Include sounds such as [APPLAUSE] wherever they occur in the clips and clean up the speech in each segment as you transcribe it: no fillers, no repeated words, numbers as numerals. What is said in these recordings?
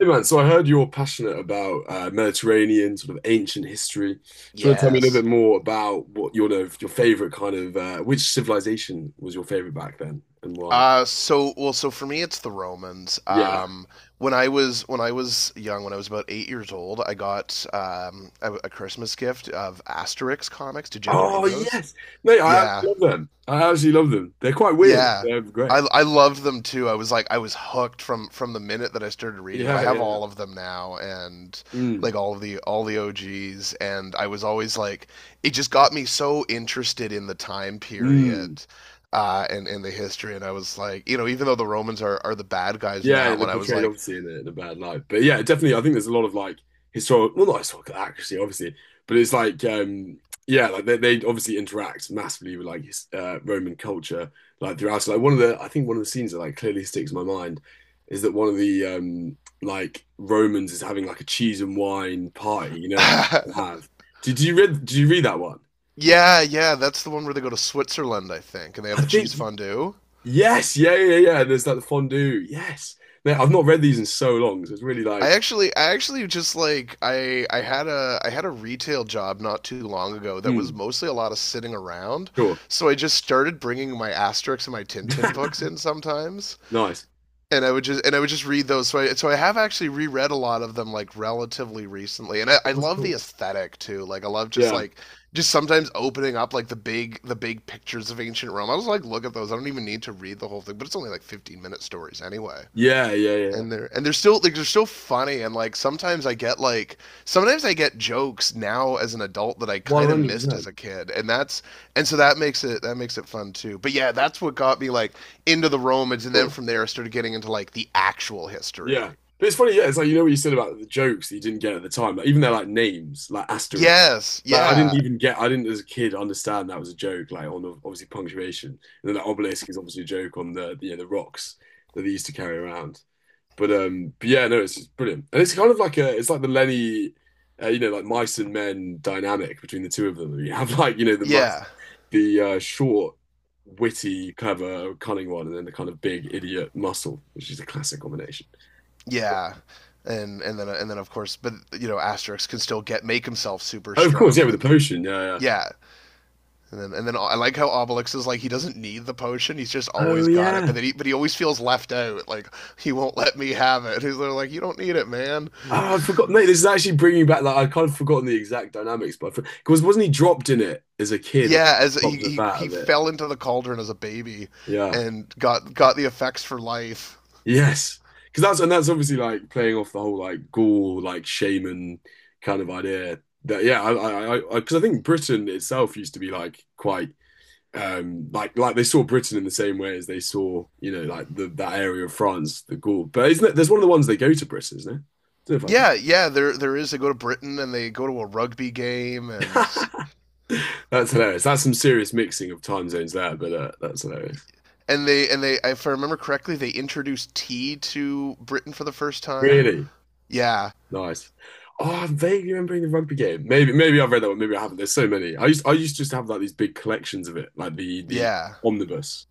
Hey man, so I heard you're passionate about Mediterranean sort of ancient history. Do you want to tell me a little Yes. bit more about what your favorite kind of which civilization was your favorite back then and why? So for me, it's the Romans. Yeah. When I was young, when I was about 8 years old, I got a Christmas gift of Asterix comics. Did you ever read Oh those? yes, mate, I actually Yeah, love them. I actually love them. They're quite weird. Yeah. They're I great. I loved them too. I was hooked from the minute that I started reading them. I Yeah, have yeah, yeah. all of them now and Mm, like all the OGs and I was always like it just got me so interested in the time mm. period and the history and I was like, you know, even though the Romans are the bad guys in Yeah, that they're one, I was portrayed like obviously in a bad light. But yeah, definitely, I think there's a lot of like historical, well, not historical accuracy, obviously, but it's like, yeah, like they obviously interact massively with like his, Roman culture, like throughout. So, like I think one of the scenes that like clearly sticks in my mind is that one of the like Romans is having like a cheese and wine party, like they [LAUGHS] have. Did you read? Did you read that one? yeah, yeah, that's the one where they go to Switzerland, I think, and they have I the think cheese fondue. yes, yeah, yeah, yeah. There's like the fondue. Yes, mate, I've not read these in so long, so it's really like, I actually just like I had a retail job not too long ago that was hmm, mostly a lot of sitting around. sure. So I just started bringing my Asterix and my Tintin books [LAUGHS] in sometimes, Nice. and I would just read those. So I have actually reread a lot of them like relatively recently, and I That was love the cool. aesthetic too. Like I love just Yeah. like, just sometimes opening up like the big pictures of ancient Rome. I was like, look at those. I don't even need to read the whole thing, but it's only like 15-minute stories anyway Yeah. Yeah. Yeah. and they're still like they're still funny and like sometimes I get jokes now as an adult that I kind of missed as 100%. a kid and so that makes it fun too, but yeah, that's what got me like into the Romans, and then Cool. from there I started getting into like the actual history. Yeah. But it's funny. Yeah. It's like, you know what you said about the jokes that you didn't get at the time. Like, even their like names, like asterisk. Yes. Like, I didn't Yeah, even get, I didn't as a kid understand that was a joke, like on obviously punctuation. And then the obelisk is obviously a joke on you know, the rocks that they used to carry around. But yeah, no, it's just brilliant, and it's kind of like it's like the Lenny, you know, like mice and men dynamic between the two of them. You have [LAUGHS] like you know the mice, yeah, the short, witty, clever, cunning one, and then the kind of big idiot muscle, which is a classic combination. yeah. And then of course, but you know Asterix can still get make himself super Oh, of course, strong, yeah, but with the then potion, yeah, yeah. yeah. And then, I like how Obelix is like he doesn't need the potion; he's just Oh always got it. But yeah. then, but he always feels left out. Like he won't let me have it. [LAUGHS] He's like, you don't need it, man. Oh, I forgot, mate. This is actually bringing back like I'd kind of forgotten the exact dynamics, but because wasn't he dropped in it as a kid or Yeah, dropped a he vat of it? fell into the cauldron as a baby, Yeah. and got the effects for life. Yes, because that's and that's obviously like playing off the whole like Gaul like shaman kind of idea. That yeah, I because 'cause I think Britain itself used to be like quite like they saw Britain in the same way as they saw you know like the that area of France, the Gaul. But isn't it? There's one of the ones they go to Britain, isn't it? I don't know Yeah, yeah. There is. They go to Britain and they go to a rugby game if I and can. [LAUGHS] That's hilarious. That's some serious mixing of time zones there, but that's hilarious. and they if I remember correctly, they introduced tea to Britain for the first time. Really? Yeah, Nice. Oh, I'm vaguely remembering the rugby game. Maybe, maybe I've read that one. Maybe I haven't. There's so many. I used to just have like these big collections of it, like the yeah. omnibus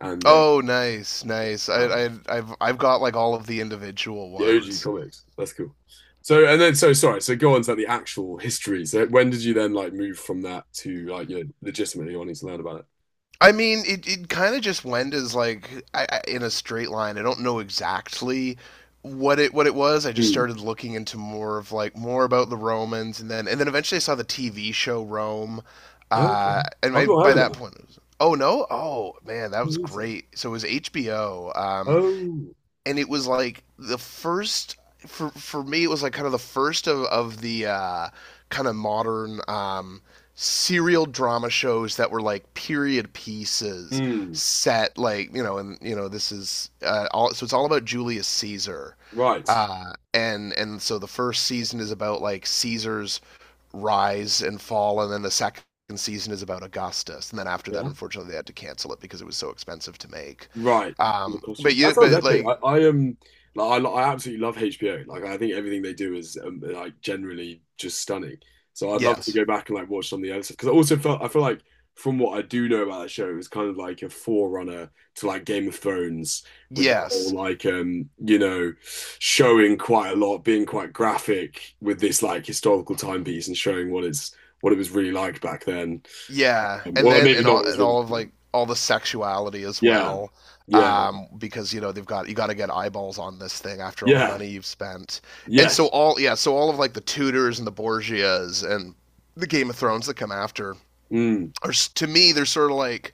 and Oh, nice, nice. Oh, I've got like all of the individual the OG ones. comics. That's cool. So, and then, so sorry. So, go on to like, the actual history. So, when did you then like move from that to like you know legitimately wanting to learn about I mean, it kind of just went as like in a straight line. I don't know exactly what it was. I just it? started looking into more of like more about the Romans, and then eventually I saw the TV show Rome. Hmm. Uh, Okay. and I've I, not by heard of that that. point, it was, oh no, oh man, that I don't was think so. great. So it was HBO. Um, Oh. and it was like the first for me it was like kind of the first of the kind of modern serial drama shows that were like period pieces Hmm. set like you know, and you know this is all, so it's all about Julius Caesar, Right. And so the first season is about like Caesar's rise and fall, and then the second season is about Augustus, and then after that, Yeah. unfortunately, they had to cancel it because it was so expensive to make. Right. The costumes. That sounds But epic. I, like, I um like I absolutely love HBO. Like I think everything they do is like generally just stunning. So I'd love to yes. go back and like watch some of the other stuff because I also felt I feel like from what I do know about that show, it was kind of like a forerunner to like Game of Thrones with the whole Yes. like you know showing quite a lot, being quite graphic with this like historical timepiece and showing what it's what it was really like back then. Yeah. And Well, then maybe and not what all it was of really. like all the sexuality as Yeah, well. yeah, Because you know they've got you got to get eyeballs on this thing after all the yeah, money you've spent, and yeah. so all yeah, so all of like the Tudors and the Borgias and the Game of Thrones that come after Mm, are to me they're sort of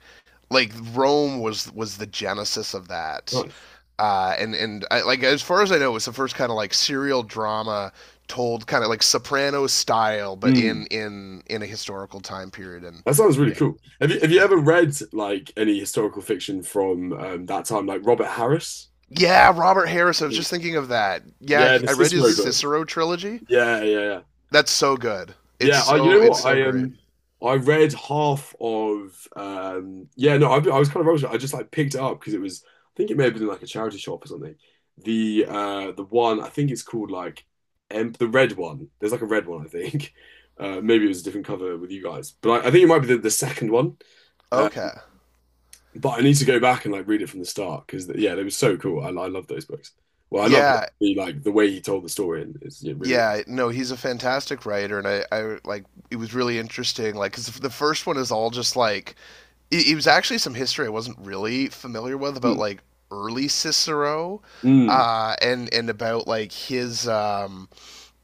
like Rome was the genesis of that, nice. and I, like as far as I know, it's the first kind of like serial drama told kind of like Sopranos style, but in Mm. in in a historical time period. And That sounds really yeah, cool. Have you yeah, ever read like any historical fiction from that time, like Robert Harris? yeah. Robert Harris. I was Yeah. just thinking of that. Yeah, Yeah, the I read his Cicero book. Cicero trilogy. Yeah, yeah, yeah. That's so good. It's Yeah, I, you so know it's what? so great. I read half of yeah, no, I was kind of rubbish at it. I just like picked it up because it was I think it may have been in, like a charity shop or something. The one I think it's called like the red one. There's like a red one, I think. [LAUGHS] Maybe it was a different cover with you guys. But I think it might be the second one. Okay. But I need to go back and like read it from the start because yeah, they were so cool. I love those books. Well, I love Yeah. the like the way he told the story and it's yeah, really, really Yeah, no, he's a fantastic writer, and I like it was really interesting. Like, 'cause the first one is all just like it was actually some history I wasn't really familiar with about cool. like early Cicero, Mm, mm, and about like his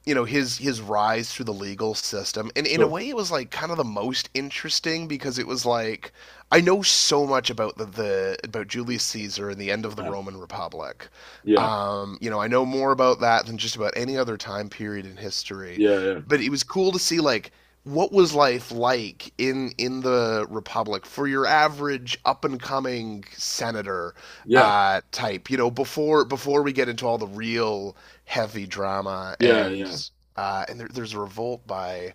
you know his rise through the legal system, and in a sure. way it was like kind of the most interesting because it was like I know so much about the about Julius Caesar and the end of the Yeah, Roman Republic. yeah, You know, I know more about that than just about any other time period in history, yeah, yeah, but it was cool to see like what was life like in the republic for your average up and coming senator yeah, type, you know, before we get into all the real heavy drama yeah, yeah. and, and there, there's a revolt by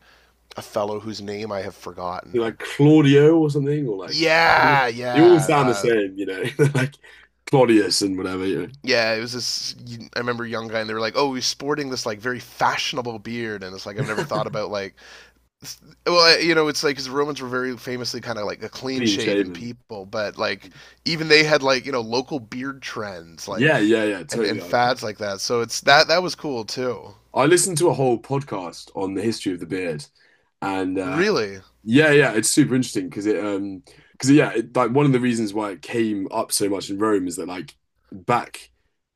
a fellow whose name I have You're forgotten. like Claudio or something, or like Yeah, they all yeah, sound the same, you know, [LAUGHS] like Claudius and whatever, you know, yeah. It was this. I remember a young guy, and they were like, "Oh, he's sporting this like very fashionable beard," and it's like I've never thought about like, well, you know, it's like because Romans were very famously kind of like a clean clean shaven shaven. people, but like even they had like you know local beard trends Yeah, like yeah, yeah, totally. and fads like that. So it's that was cool too. I listened to a whole podcast on the history of the beard, and Really, yeah, yeah, it's super interesting because it because yeah, it, like one of the reasons why it came up so much in Rome is that like back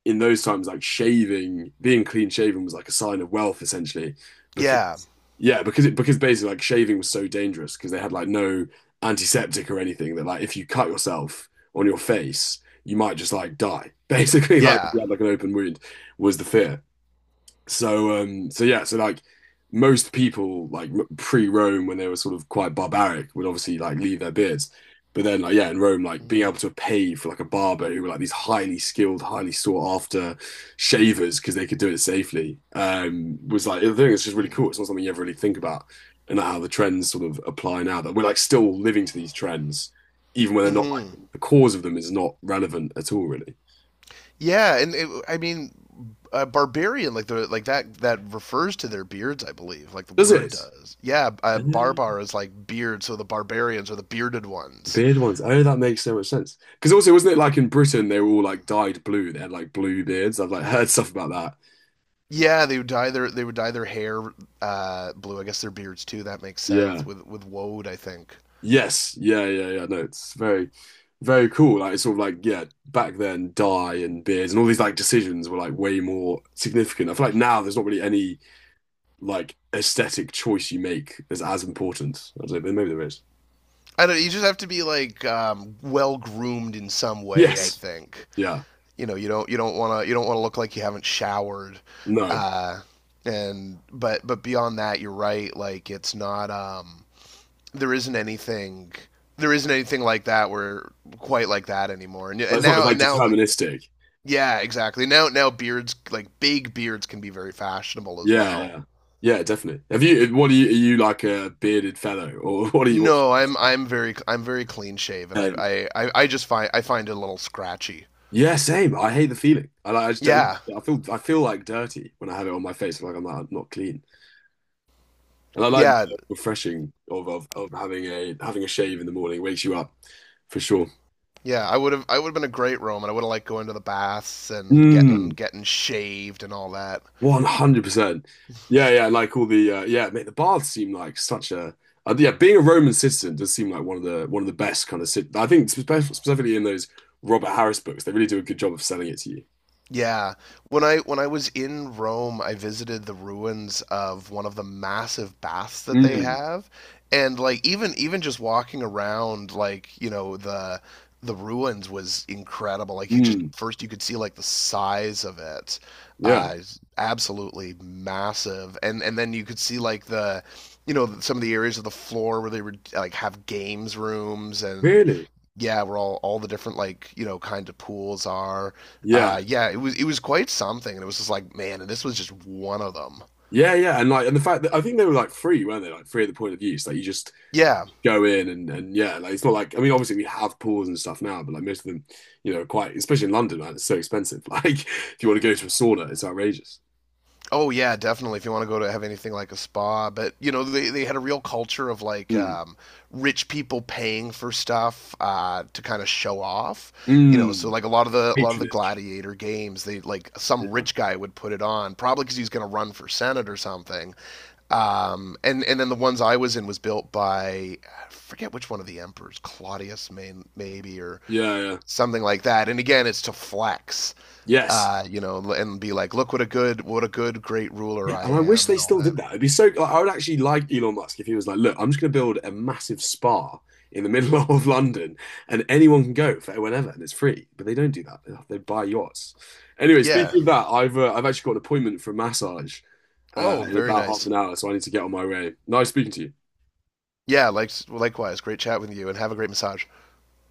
in those times, like shaving, being clean shaven was like a sign of wealth essentially because yeah, yeah, because it because basically like shaving was so dangerous because they had like no antiseptic or anything that like if you cut yourself on your face, you might just like die. [LAUGHS] Basically, like if yeah. you had like an open wound was the fear. So so yeah so like most people like pre-Rome when they were sort of quite barbaric would obviously like leave their beards but then like yeah in Rome like being able to Mm. pay for like a barber who were like these highly skilled highly sought after shavers because they could do it safely was like I think it's just really cool it's not something you ever really think about and how the trends sort of apply now that we're like still living to these trends even when they're not Mm-hmm. like the cause of them is not relevant at all really. Yeah, I mean, barbarian like the like that refers to their beards, I believe, like the Does word it? does. Yeah, barbar is like beard, so the barbarians are the bearded The ones. beard ones. Oh, that makes so much sense. Because also, wasn't it like in Britain they were all like dyed blue? They had like blue beards. I've like heard stuff about that. Yeah, they would dye their they would dye their hair blue. I guess their beards too. That makes sense Yeah. with woad, I think. Yes. Yeah. Yeah. Yeah. No, it's very, very cool. Like it's sort of like yeah, back then dye and beards and all these like decisions were like way more significant. I feel like now there's not really any like aesthetic choice you make is as important. I don't know, but maybe there is. I don't. You just have to be like well groomed in some Really? way, I Yes. think. Yeah. You know you don't want to you don't want to look like you haven't showered, No. uh and but beyond that you're right, like it's not there isn't anything there isn't anything like that where quite like that anymore, and That's not as like now like deterministic. yeah exactly. Now beards, like big beards, can be very fashionable as Yeah, well. yeah. Yeah, definitely. Have you what are you like a bearded fellow or [LAUGHS] what are you what's No, I'm very clean shaven. i same. i i, I just find I find it a little scratchy. Yeah, same. I hate the feeling. I like I just don't- Yeah, I feel like dirty when I have it on my face. Like, I'm not clean. And I like yeah. the refreshing of, of having a shave in the morning wakes you up for sure. I would have been a great Roman. I would have liked going to the baths and Mm. getting shaved and all that. 100%. Yeah, yeah. Like all the yeah, mate. The baths seem like such a yeah. Being a Roman citizen does seem like one of the best kind of. Sit I think specifically in those Robert Harris books, they really do a good job of selling it to you. Yeah. When I was in Rome, I visited the ruins of one of the massive baths that they Mm, have. And like even just walking around, like, you know, the ruins was incredible. Like you just mm, first you could see like the size of it. yeah. It's absolutely massive. And then you could see like the you know some of the areas of the floor where they were like have games rooms, and Really? yeah, where all the different like you know kind of pools are. Yeah. Yeah, it was quite something, and it was just like man, and this was just one of them. Yeah, yeah. And like and the fact that I think they were like free, weren't they? Like free at the point of use. Like you just Yeah. go in and yeah, like it's not like I mean obviously we have pools and stuff now, but like most of them, you know, quite especially in London, man, it's so expensive. [LAUGHS] Like if you want to go to a sauna, it's outrageous. Oh yeah, definitely. If you want to go to have anything like a spa, but you know they had a real culture of like Mm. Rich people paying for stuff to kind of show off. You know, so Mm, like a lot of the patronage. gladiator games, they like some Yeah. rich guy would put it on, probably because he's going to run for senate or something. And then the ones I was in was built by I forget which one of the emperors, Claudius, may, maybe or Yeah, yeah. something like that. And again, it's to flex, Yes. You know, and be like, look what a good great ruler Yeah, I and I wish am, they and all still that. did that. It'd be so like, I would actually like Elon Musk if he was like, look, I'm just gonna build a massive spa in the middle [LAUGHS] of London and anyone can go for whenever and it's free. But they don't do that. They buy yachts. Anyway, Yeah. speaking of that, I've actually got an appointment for a massage Oh, in very about half nice. an hour, so I need to get on my way. Nice speaking to you. Yeah. Like likewise, great chat with you, and have a great massage.